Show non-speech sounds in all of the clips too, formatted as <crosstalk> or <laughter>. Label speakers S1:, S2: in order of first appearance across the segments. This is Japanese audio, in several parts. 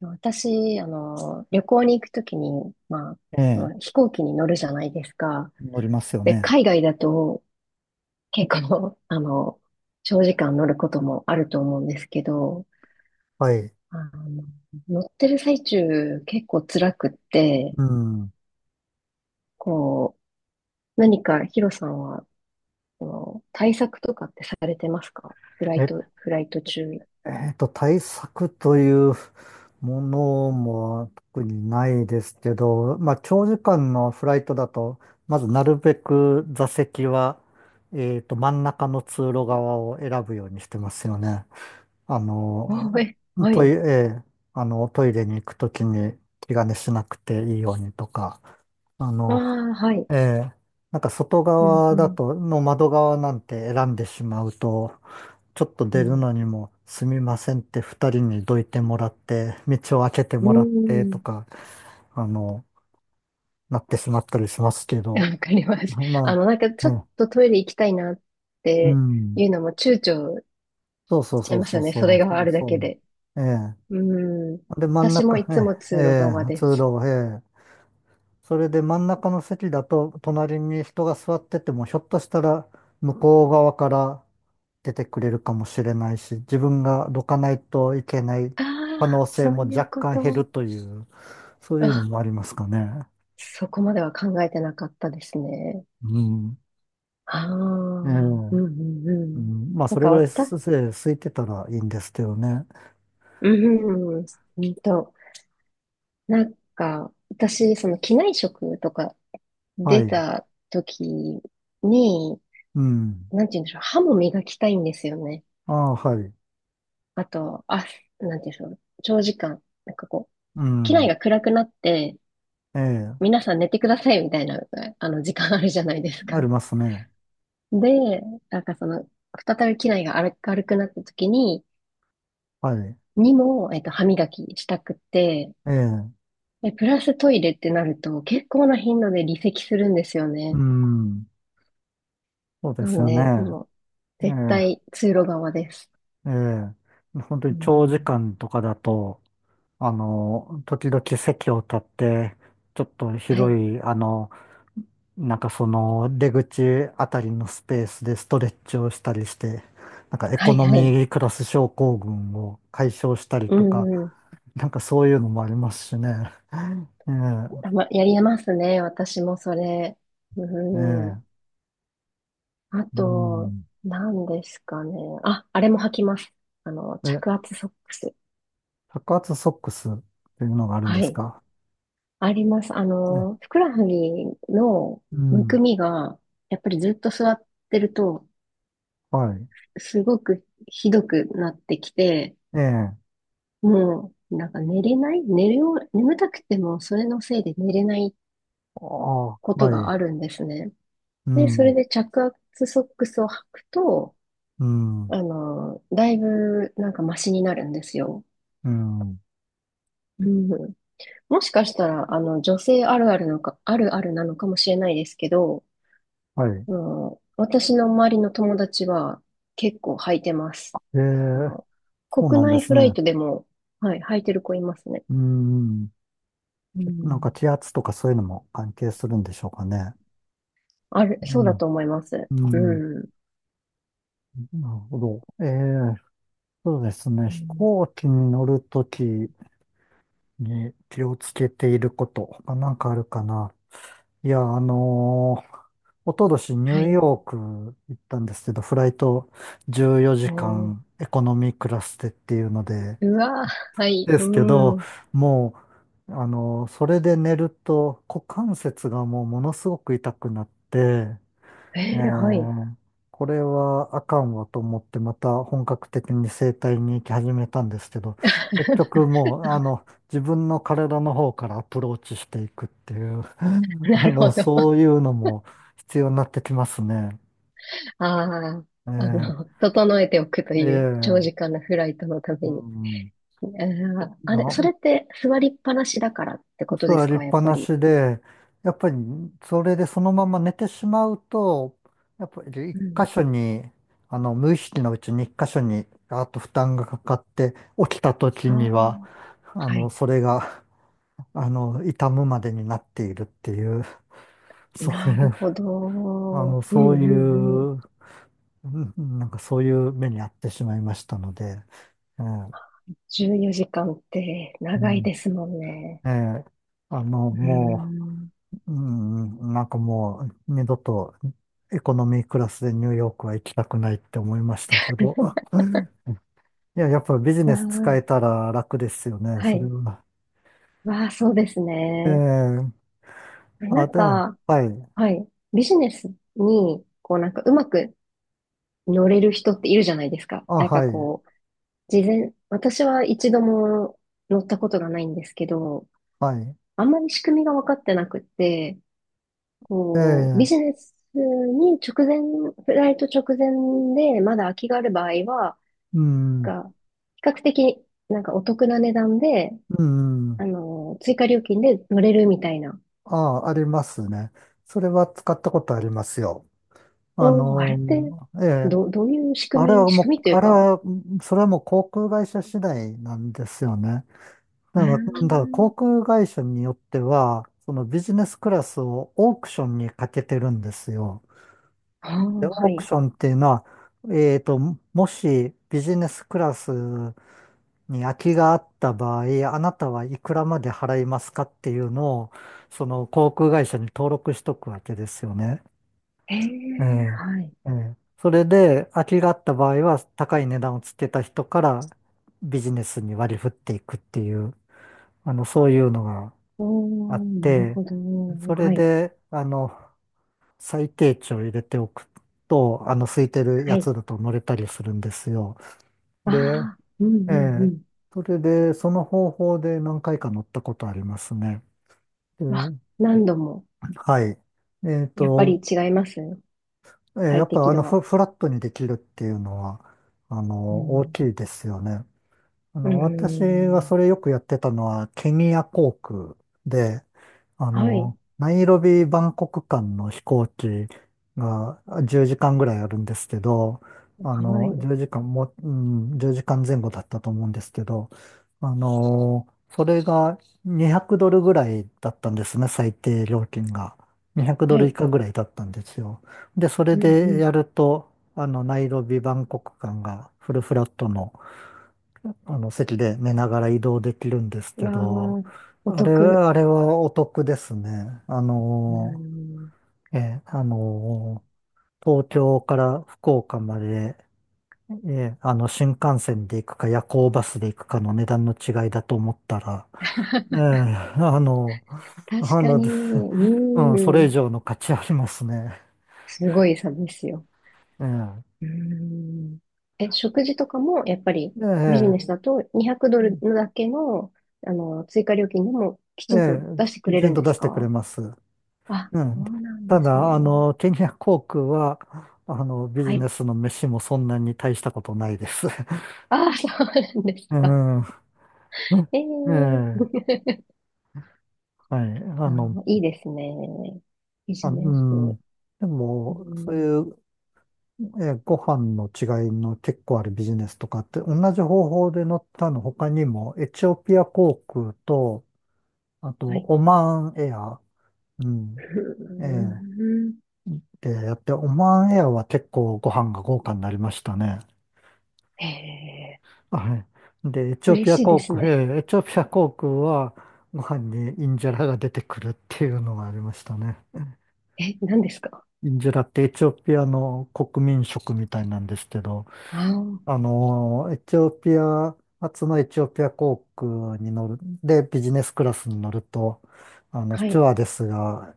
S1: 私、旅行に行くときに、
S2: え
S1: あ
S2: え、
S1: の飛行機に乗るじゃないですか。
S2: 乗りますよ
S1: で、
S2: ね。
S1: 海外だと結構、<laughs> 長時間乗ることもあると思うんですけど、
S2: はい。
S1: あの、乗ってる最中結構辛くって、
S2: うん。
S1: こう、何かヒロさんは、対策とかってされてますか、フライ
S2: え、
S1: ト、フライト中。
S2: 対策というものも特にないですけど、まあ、長時間のフライトだと、まずなるべく座席は、真ん中の通路側を選ぶようにしてますよね。あ
S1: <laughs> あ、
S2: の、
S1: え、は
S2: トイレ、
S1: い。
S2: ええあの、トイレに行くときに気兼ねしなくていいようにとか、あ
S1: あ
S2: の、
S1: あ、はい。
S2: ええなんか外
S1: うん、
S2: 側
S1: う
S2: だ
S1: ん、
S2: と、の窓側なんて選んでしまうと、ちょっと
S1: う
S2: 出る
S1: ん。
S2: のにもすみませんって二人にどいてもらって、道を開けて
S1: うー
S2: もらってと
S1: ん。
S2: か、あの、なってしまったりしますけ
S1: <laughs>
S2: ど、
S1: わかります。
S2: ま
S1: なんかち
S2: あ、
S1: ょ
S2: え
S1: っ
S2: え、
S1: とトイレ行きたいなっ
S2: う
S1: て
S2: ん、
S1: いうのも躊躇
S2: そうそ
S1: し
S2: う
S1: ちゃ
S2: そ
S1: い
S2: う
S1: ます
S2: そ
S1: よ
S2: う
S1: ね。
S2: そ
S1: それ
S2: う、
S1: が
S2: そ
S1: あ
S2: う
S1: るだ
S2: そ
S1: け
S2: う、
S1: で。
S2: ええ。
S1: うん。
S2: で、真ん
S1: 私も
S2: 中、
S1: いつも
S2: ええ、
S1: 通
S2: え
S1: 路側
S2: え
S1: で
S2: 通
S1: す。
S2: 路、ええ。それで真ん中の席だと、隣に人が座ってても、ひょっとしたら向こう側から出てくれるかもしれないし、自分がどかないといけない
S1: あ
S2: 可
S1: あ、
S2: 能性
S1: そう
S2: も
S1: い
S2: 若
S1: うこ
S2: 干減
S1: と。
S2: るという、そういうの
S1: あ、
S2: もありますかね。
S1: そこまでは考えてなかったですね。
S2: うん。
S1: ああ、う
S2: ええ、
S1: んう
S2: う
S1: んうん。
S2: ん、まあ、
S1: な
S2: そ
S1: ん
S2: れ
S1: か
S2: ぐらいす、
S1: 私、
S2: ええ空いてたらいいんですけどね。
S1: うんうんうんと、なんか私、その機内食とか
S2: は
S1: 出
S2: い。
S1: た時に、
S2: うん。
S1: なんて言うんでしょう、歯も磨きたいんですよね。
S2: ああ、はい。
S1: あと、あ、なんていうんでしょう。長時間、なんかこう、
S2: う
S1: 機内
S2: ん。
S1: が暗くなって、
S2: ええ、
S1: 皆さん寝てくださいみたいな、時間あるじゃないです
S2: あ
S1: か。
S2: りますね。
S1: <laughs> で、なんかその、再び機内が明るくなった時に、
S2: はい。
S1: にも、歯磨きしたくって、
S2: ええ。
S1: で、プラストイレってなると、結構な頻度で離席するんですよ
S2: う
S1: ね。
S2: ん、そうで
S1: な
S2: す
S1: の
S2: よね。
S1: で、もう、
S2: え
S1: 絶対通路側です。
S2: え、ええ。本当
S1: う
S2: に長時
S1: ん。
S2: 間とかだと、時々席を立って、ちょっと
S1: は
S2: 広
S1: い、
S2: い、あの、なんかその出口あたりのスペースでストレッチをしたりして、なんかエ
S1: は
S2: コ
S1: い、
S2: ノ
S1: はい。
S2: ミークラス症候群を解消したり
S1: う
S2: とか、
S1: ん、うん。
S2: なんかそういうのもありますしね。え
S1: たま、やりますね。私もそれ。
S2: え、え
S1: うん。
S2: え、
S1: あ
S2: う
S1: と、
S2: ん。
S1: 何ですかね。あ、あれも履きます。着
S2: え、
S1: 圧ソックス。
S2: 白髪ソックスっていうのがあるん
S1: は
S2: です
S1: い。
S2: か？
S1: あります。
S2: ええ、
S1: ふくらはぎの
S2: う
S1: むく
S2: ん。
S1: みが、やっぱりずっと座ってると、
S2: はい。
S1: すごくひどくなってきて、
S2: ええ。あ
S1: もう、なんか寝れない寝るよう、眠たくても、それのせいで寝れない
S2: あ、
S1: こと
S2: は
S1: が
S2: い。
S1: あるんですね。
S2: う
S1: で、それ
S2: ん、
S1: で着圧ソックスを履くと、
S2: うん、
S1: だいぶ、なんかマシになるんですよ。
S2: うん。
S1: うん。もしかしたら、女性あるあるのか、あるあるなのかもしれないですけど、
S2: はい。
S1: あの私の周りの友達は結構履いてます。
S2: え
S1: あ
S2: え、
S1: の、
S2: そう
S1: 国
S2: なんで
S1: 内
S2: す
S1: フラ
S2: ね。
S1: イトでも、はい、履いてる子いますね。
S2: うん。
S1: う
S2: なんか
S1: ん。
S2: 気圧とかそういうのも関係するんでしょうかね。
S1: ある、
S2: う
S1: そうだ
S2: ん、
S1: と思います。
S2: うん。
S1: うん。
S2: なるほど。ええ、そうですね。
S1: う
S2: 飛
S1: ん、
S2: 行機に乗るときに気をつけていることがなんかあるかな。いや、おととしニ
S1: は
S2: ュー
S1: い。
S2: ヨーク行ったんですけど、フライト14時
S1: おー。
S2: 間エコノミークラスでっていうので、
S1: うわー、はい。
S2: で
S1: う
S2: すけど、
S1: ん。
S2: もう、それで寝ると股関節がもうものすごく痛くなって、え
S1: えー、はい。
S2: ー、これはあかんわと思ってまた本格的に整体に行き始めたんですけど、結局
S1: <laughs>
S2: もう自分の体の方からアプローチしていくっていう、<laughs>
S1: なるほど。
S2: そ
S1: あ
S2: ういうのも必要になってきますね。
S1: あ、
S2: えー
S1: 整えておくと
S2: え
S1: いう長時
S2: ー
S1: 間のフライトのた
S2: う
S1: めに。
S2: ん、
S1: えー
S2: い
S1: あ
S2: や、
S1: れ、それって座りっぱなしだからってことで
S2: 座
S1: す
S2: りっ
S1: か、やっ
S2: ぱ
S1: ぱ
S2: な
S1: り。
S2: しで、やっぱりそれでそのまま寝てしまうと、やっぱり一
S1: うん。
S2: 箇所に、無意識のうちに一箇所に、あと負担がかかって、起きた時
S1: あ
S2: には、
S1: あ、
S2: あ
S1: は
S2: の、
S1: い。
S2: それが、あの、痛むまでになっているっていう、そうい
S1: なる
S2: う、
S1: ほ
S2: あ
S1: ど。
S2: の、
S1: う
S2: そう
S1: んう
S2: い
S1: んうん。
S2: う、うん、なんかそういう目に遭ってしまいましたので、ええ、
S1: 14時間って
S2: う
S1: 長い
S2: ん、
S1: ですもんね。
S2: ええ、
S1: うー
S2: も
S1: ん。
S2: う、うん、なんかもう二度とエコノミークラスでニューヨークは行きたくないって思いましたけど。いや、やっぱビジ
S1: あ
S2: ネス使え
S1: あ、
S2: たら楽ですよね、
S1: は
S2: それ
S1: い。
S2: は。
S1: わあ、そうです
S2: ええ。
S1: ね。な
S2: あ、
S1: ん
S2: でも、
S1: か、
S2: はい。
S1: はい。ビジネスに、こうなんかうまく乗れる人っているじゃないですか。
S2: あ、
S1: なんか
S2: はい。
S1: こう、事前、私は一度も乗ったことがないんですけど、
S2: はい。
S1: あんまり仕組みが分かってなくって、こう、ビ
S2: え
S1: ジ
S2: え、
S1: ネスに直前、フライト直前でまだ空きがある場合は、
S2: うん。
S1: が、比較的なんかお得な値段で、
S2: うん。
S1: 追加料金で乗れるみたいな。
S2: あ、ありますね。それは使ったことありますよ。あ
S1: おー、あれ
S2: の
S1: って、
S2: ー、ええ
S1: どういう
S2: あれは
S1: 仕
S2: も
S1: 組み
S2: う、
S1: という
S2: あれ
S1: か、
S2: は、それはもう航空会社次第なんですよね。
S1: え
S2: だかだから航
S1: ー、
S2: 空会社によっては、そのビジネスクラスをオークションにかけてるんですよ。
S1: あ
S2: で、
S1: ー
S2: オ
S1: は
S2: ーク
S1: い。
S2: ションっていうのは、えーと、もしビジネスクラスに空きがあった場合、あなたはいくらまで払いますかっていうのを、その航空会社に登録しとくわけですよね。
S1: え
S2: え
S1: え、
S2: え、
S1: はい。
S2: ええ。それで、空きがあった場合は、高い値段をつけた人からビジネスに割り振っていくっていう、そういうのが
S1: お
S2: あっ
S1: ー、なる
S2: て、
S1: ほど。
S2: それ
S1: はい。
S2: で、最低値を入れておくと、空いてる
S1: は
S2: や
S1: い。
S2: つだと乗れたりするんですよ。
S1: あ
S2: で、
S1: あ、うんう
S2: え
S1: んう
S2: え、
S1: ん。
S2: それで、その方法で何回か乗ったことありますね。で、
S1: わ、何度も、
S2: はい。えっ
S1: やっぱ
S2: と、
S1: り違います、
S2: や
S1: 快
S2: っぱ
S1: 適度は。
S2: フラットにできるっていうのは、
S1: う
S2: 大
S1: ん。
S2: きいですよね。
S1: うー
S2: 私が
S1: ん。
S2: それよくやってたのは、ケニア航空で、
S1: はい。
S2: ナイロビ、バンコク間の飛行機が10時間ぐらいあるんですけど、
S1: はい。
S2: 10時間も、うん、1時間前後だったと思うんですけど、それが200ドルぐらいだったんですね、最低料金が。
S1: は
S2: 200ドル以
S1: い。
S2: 下ぐらいだったんですよ。で、それ
S1: うん
S2: で
S1: う
S2: やると、ナイロビ、バンコク間がフルフラットの席で寝ながら移動できるんです
S1: ん、
S2: け
S1: わ
S2: ど、
S1: あ、お得。
S2: あれはお得ですね。
S1: うーん。
S2: ええあの東京から福岡まで、新幹線で行くか夜行バスで行くかの値段の違いだと思ったら、ええあの、
S1: 確
S2: あ
S1: か
S2: の、
S1: に。う
S2: <laughs> うん、そ
S1: ー
S2: れ以
S1: ん。
S2: 上の価値ありますね。
S1: すごい差ですよ。
S2: えー、
S1: うーん。え、食事とかも、やっぱりビジ
S2: え
S1: ネス
S2: え
S1: だと
S2: う
S1: 200
S2: ん
S1: ドルだけの、追加料金でもき
S2: え
S1: ちんと出してく
S2: き
S1: れ
S2: ち
S1: る
S2: ん
S1: ん
S2: と
S1: で
S2: 出
S1: す
S2: してくれ
S1: か？
S2: ます。
S1: あ、
S2: う
S1: そ
S2: ん。
S1: うなん
S2: た
S1: です
S2: だ、
S1: ね。
S2: ケニア航空は、ビ
S1: は
S2: ジネ
S1: い。
S2: スの飯もそんなに大したことないです。<laughs>
S1: ああ、そうなんです
S2: う
S1: か。
S2: ん。<laughs>
S1: え
S2: ええ、
S1: え。 <laughs>
S2: はい。あ
S1: あ
S2: の、
S1: ー、いいですね。ビ
S2: あ、
S1: ジ
S2: う
S1: ネス。
S2: ん。で
S1: う
S2: も、そう
S1: ん、
S2: いう、ご飯の違いの結構あるビジネスとかって、同じ方法で乗ったの他にも、エチオピア航空と、あと、
S1: はい。
S2: オマーンエア、うん、
S1: う
S2: ええ、
S1: ん。
S2: でやって、オマーンエアは結構ご飯が豪華になりましたね。
S1: ええ、
S2: はい。で、エチオ
S1: 嬉
S2: ピア
S1: しいで
S2: 航
S1: す
S2: 空、え
S1: ね。
S2: ーエチオピア航空はご飯にインジェラが出てくるっていうのがありましたね。<laughs>
S1: え、何ですか？
S2: インジェラってエチオピアの国民食みたいなんですけど、
S1: ああー、
S2: エチオピア初のエチオピア航空に乗る、で、ビジネスクラスに乗ると、ス
S1: は
S2: チュ
S1: い。
S2: ワーデスが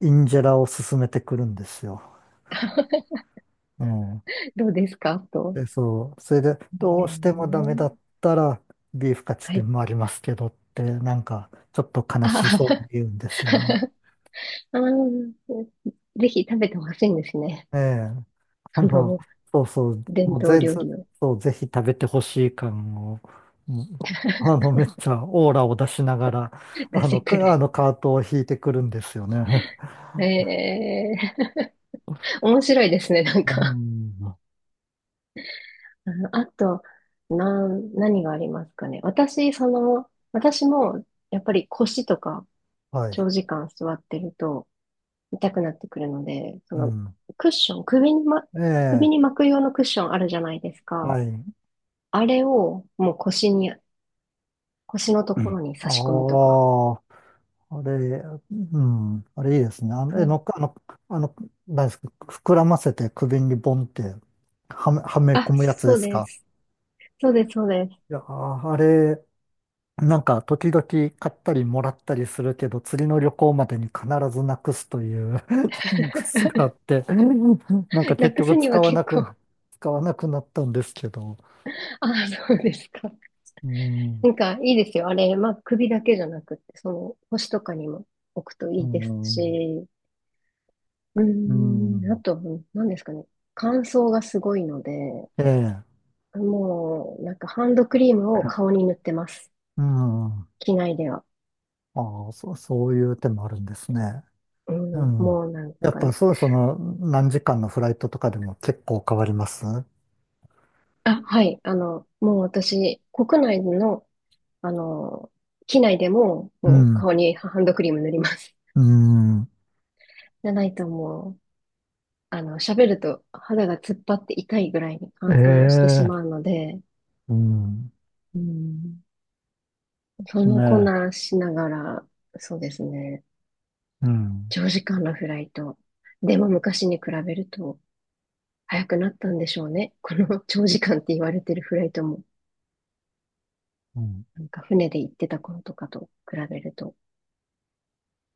S2: インジェラを勧めてくるんですよ。
S1: <laughs>
S2: ええ
S1: どうですかと。
S2: え、そう。それで、どうしてもダ
S1: ええ、
S2: メだったら、ビーフカツ
S1: は
S2: で
S1: い。
S2: もありますけどって、なんか、ちょっと悲
S1: あ
S2: しそうに
S1: ー
S2: 言うんですよね。
S1: あー、ぜひ食べてほしいんですね。
S2: ええ。あ
S1: そ
S2: の、
S1: の、
S2: そうそう。
S1: 伝
S2: もう
S1: 統
S2: ぜ、
S1: 料
S2: ず
S1: 理を。
S2: そう、ぜひ食べてほしい感を、もうめっちゃオーラを出しながら、
S1: 出
S2: あ
S1: して
S2: の、
S1: く
S2: かあ
S1: る。
S2: のカートを引いてくるんですよね。<laughs>
S1: ええ、面白いですね、なん
S2: う
S1: か。
S2: ん。
S1: うん、あと、何がありますかね。私、私も、やっぱり腰とか、
S2: はい。
S1: 長時間座ってると、痛くなってくるので、そ
S2: う
S1: の、
S2: ん。
S1: クッション、首にま、
S2: え
S1: 首に
S2: え。
S1: 巻く用のクッションあるじゃないですか。
S2: はい。
S1: あれを、もう腰に、腰のと
S2: う
S1: こ
S2: ん。
S1: ろに
S2: あ
S1: 差し込むとか。
S2: あ。あれ、うん、あれいいですね。あの、え、
S1: そ
S2: の
S1: う。
S2: っか、あの、あの、何ですか、膨らませて首にボンってはめ込
S1: あ、
S2: むやつ
S1: そ
S2: で
S1: う
S2: す
S1: で
S2: か？
S1: す。そうで
S2: いやー、ああれ、なんか時々買ったりもらったりするけど、次の旅行までに必ずなくすという <laughs> ジンク <laughs> スがあって、なんか
S1: す。な
S2: 結
S1: く
S2: 局
S1: すには結構、
S2: 使わなくなったんですけど、
S1: <laughs> あ、そうですか。
S2: うん、
S1: なんか、いいですよ。あれ、まあ、首だけじゃなくて、その、腰とかにも。置くとい
S2: う
S1: いです
S2: ん、
S1: し、う
S2: う
S1: ーん、あ
S2: ん、
S1: と、何ですかね。乾燥がすごいので、
S2: ええ、
S1: もう、なんかハンドクリームを顔に塗ってます。
S2: うん、あ
S1: 機内では。
S2: あ、そういう手もあるんですね。
S1: う
S2: う
S1: ん、
S2: ん。
S1: もうなん
S2: やっ
S1: か、
S2: ぱそう、その、何時間のフライトとかでも結構変わります。
S1: あ、はい、もう私、国内の、あの、機内でも、
S2: う
S1: もう
S2: ん。
S1: 顔にハンドクリーム塗ります。
S2: うん。
S1: じゃないともう、喋ると肌が突っ張って痛いぐらいに乾燥してし
S2: え
S1: まう
S2: え、
S1: ので、
S2: うん。で
S1: うん、そ
S2: す
S1: んなこん
S2: ね。
S1: なしながら、そうですね。
S2: うん。
S1: 長時間のフライト。でも昔に比べると早くなったんでしょうね。この <laughs> 長時間って言われてるフライトも、
S2: うん。
S1: なんか船で行ってた頃とかと比べると。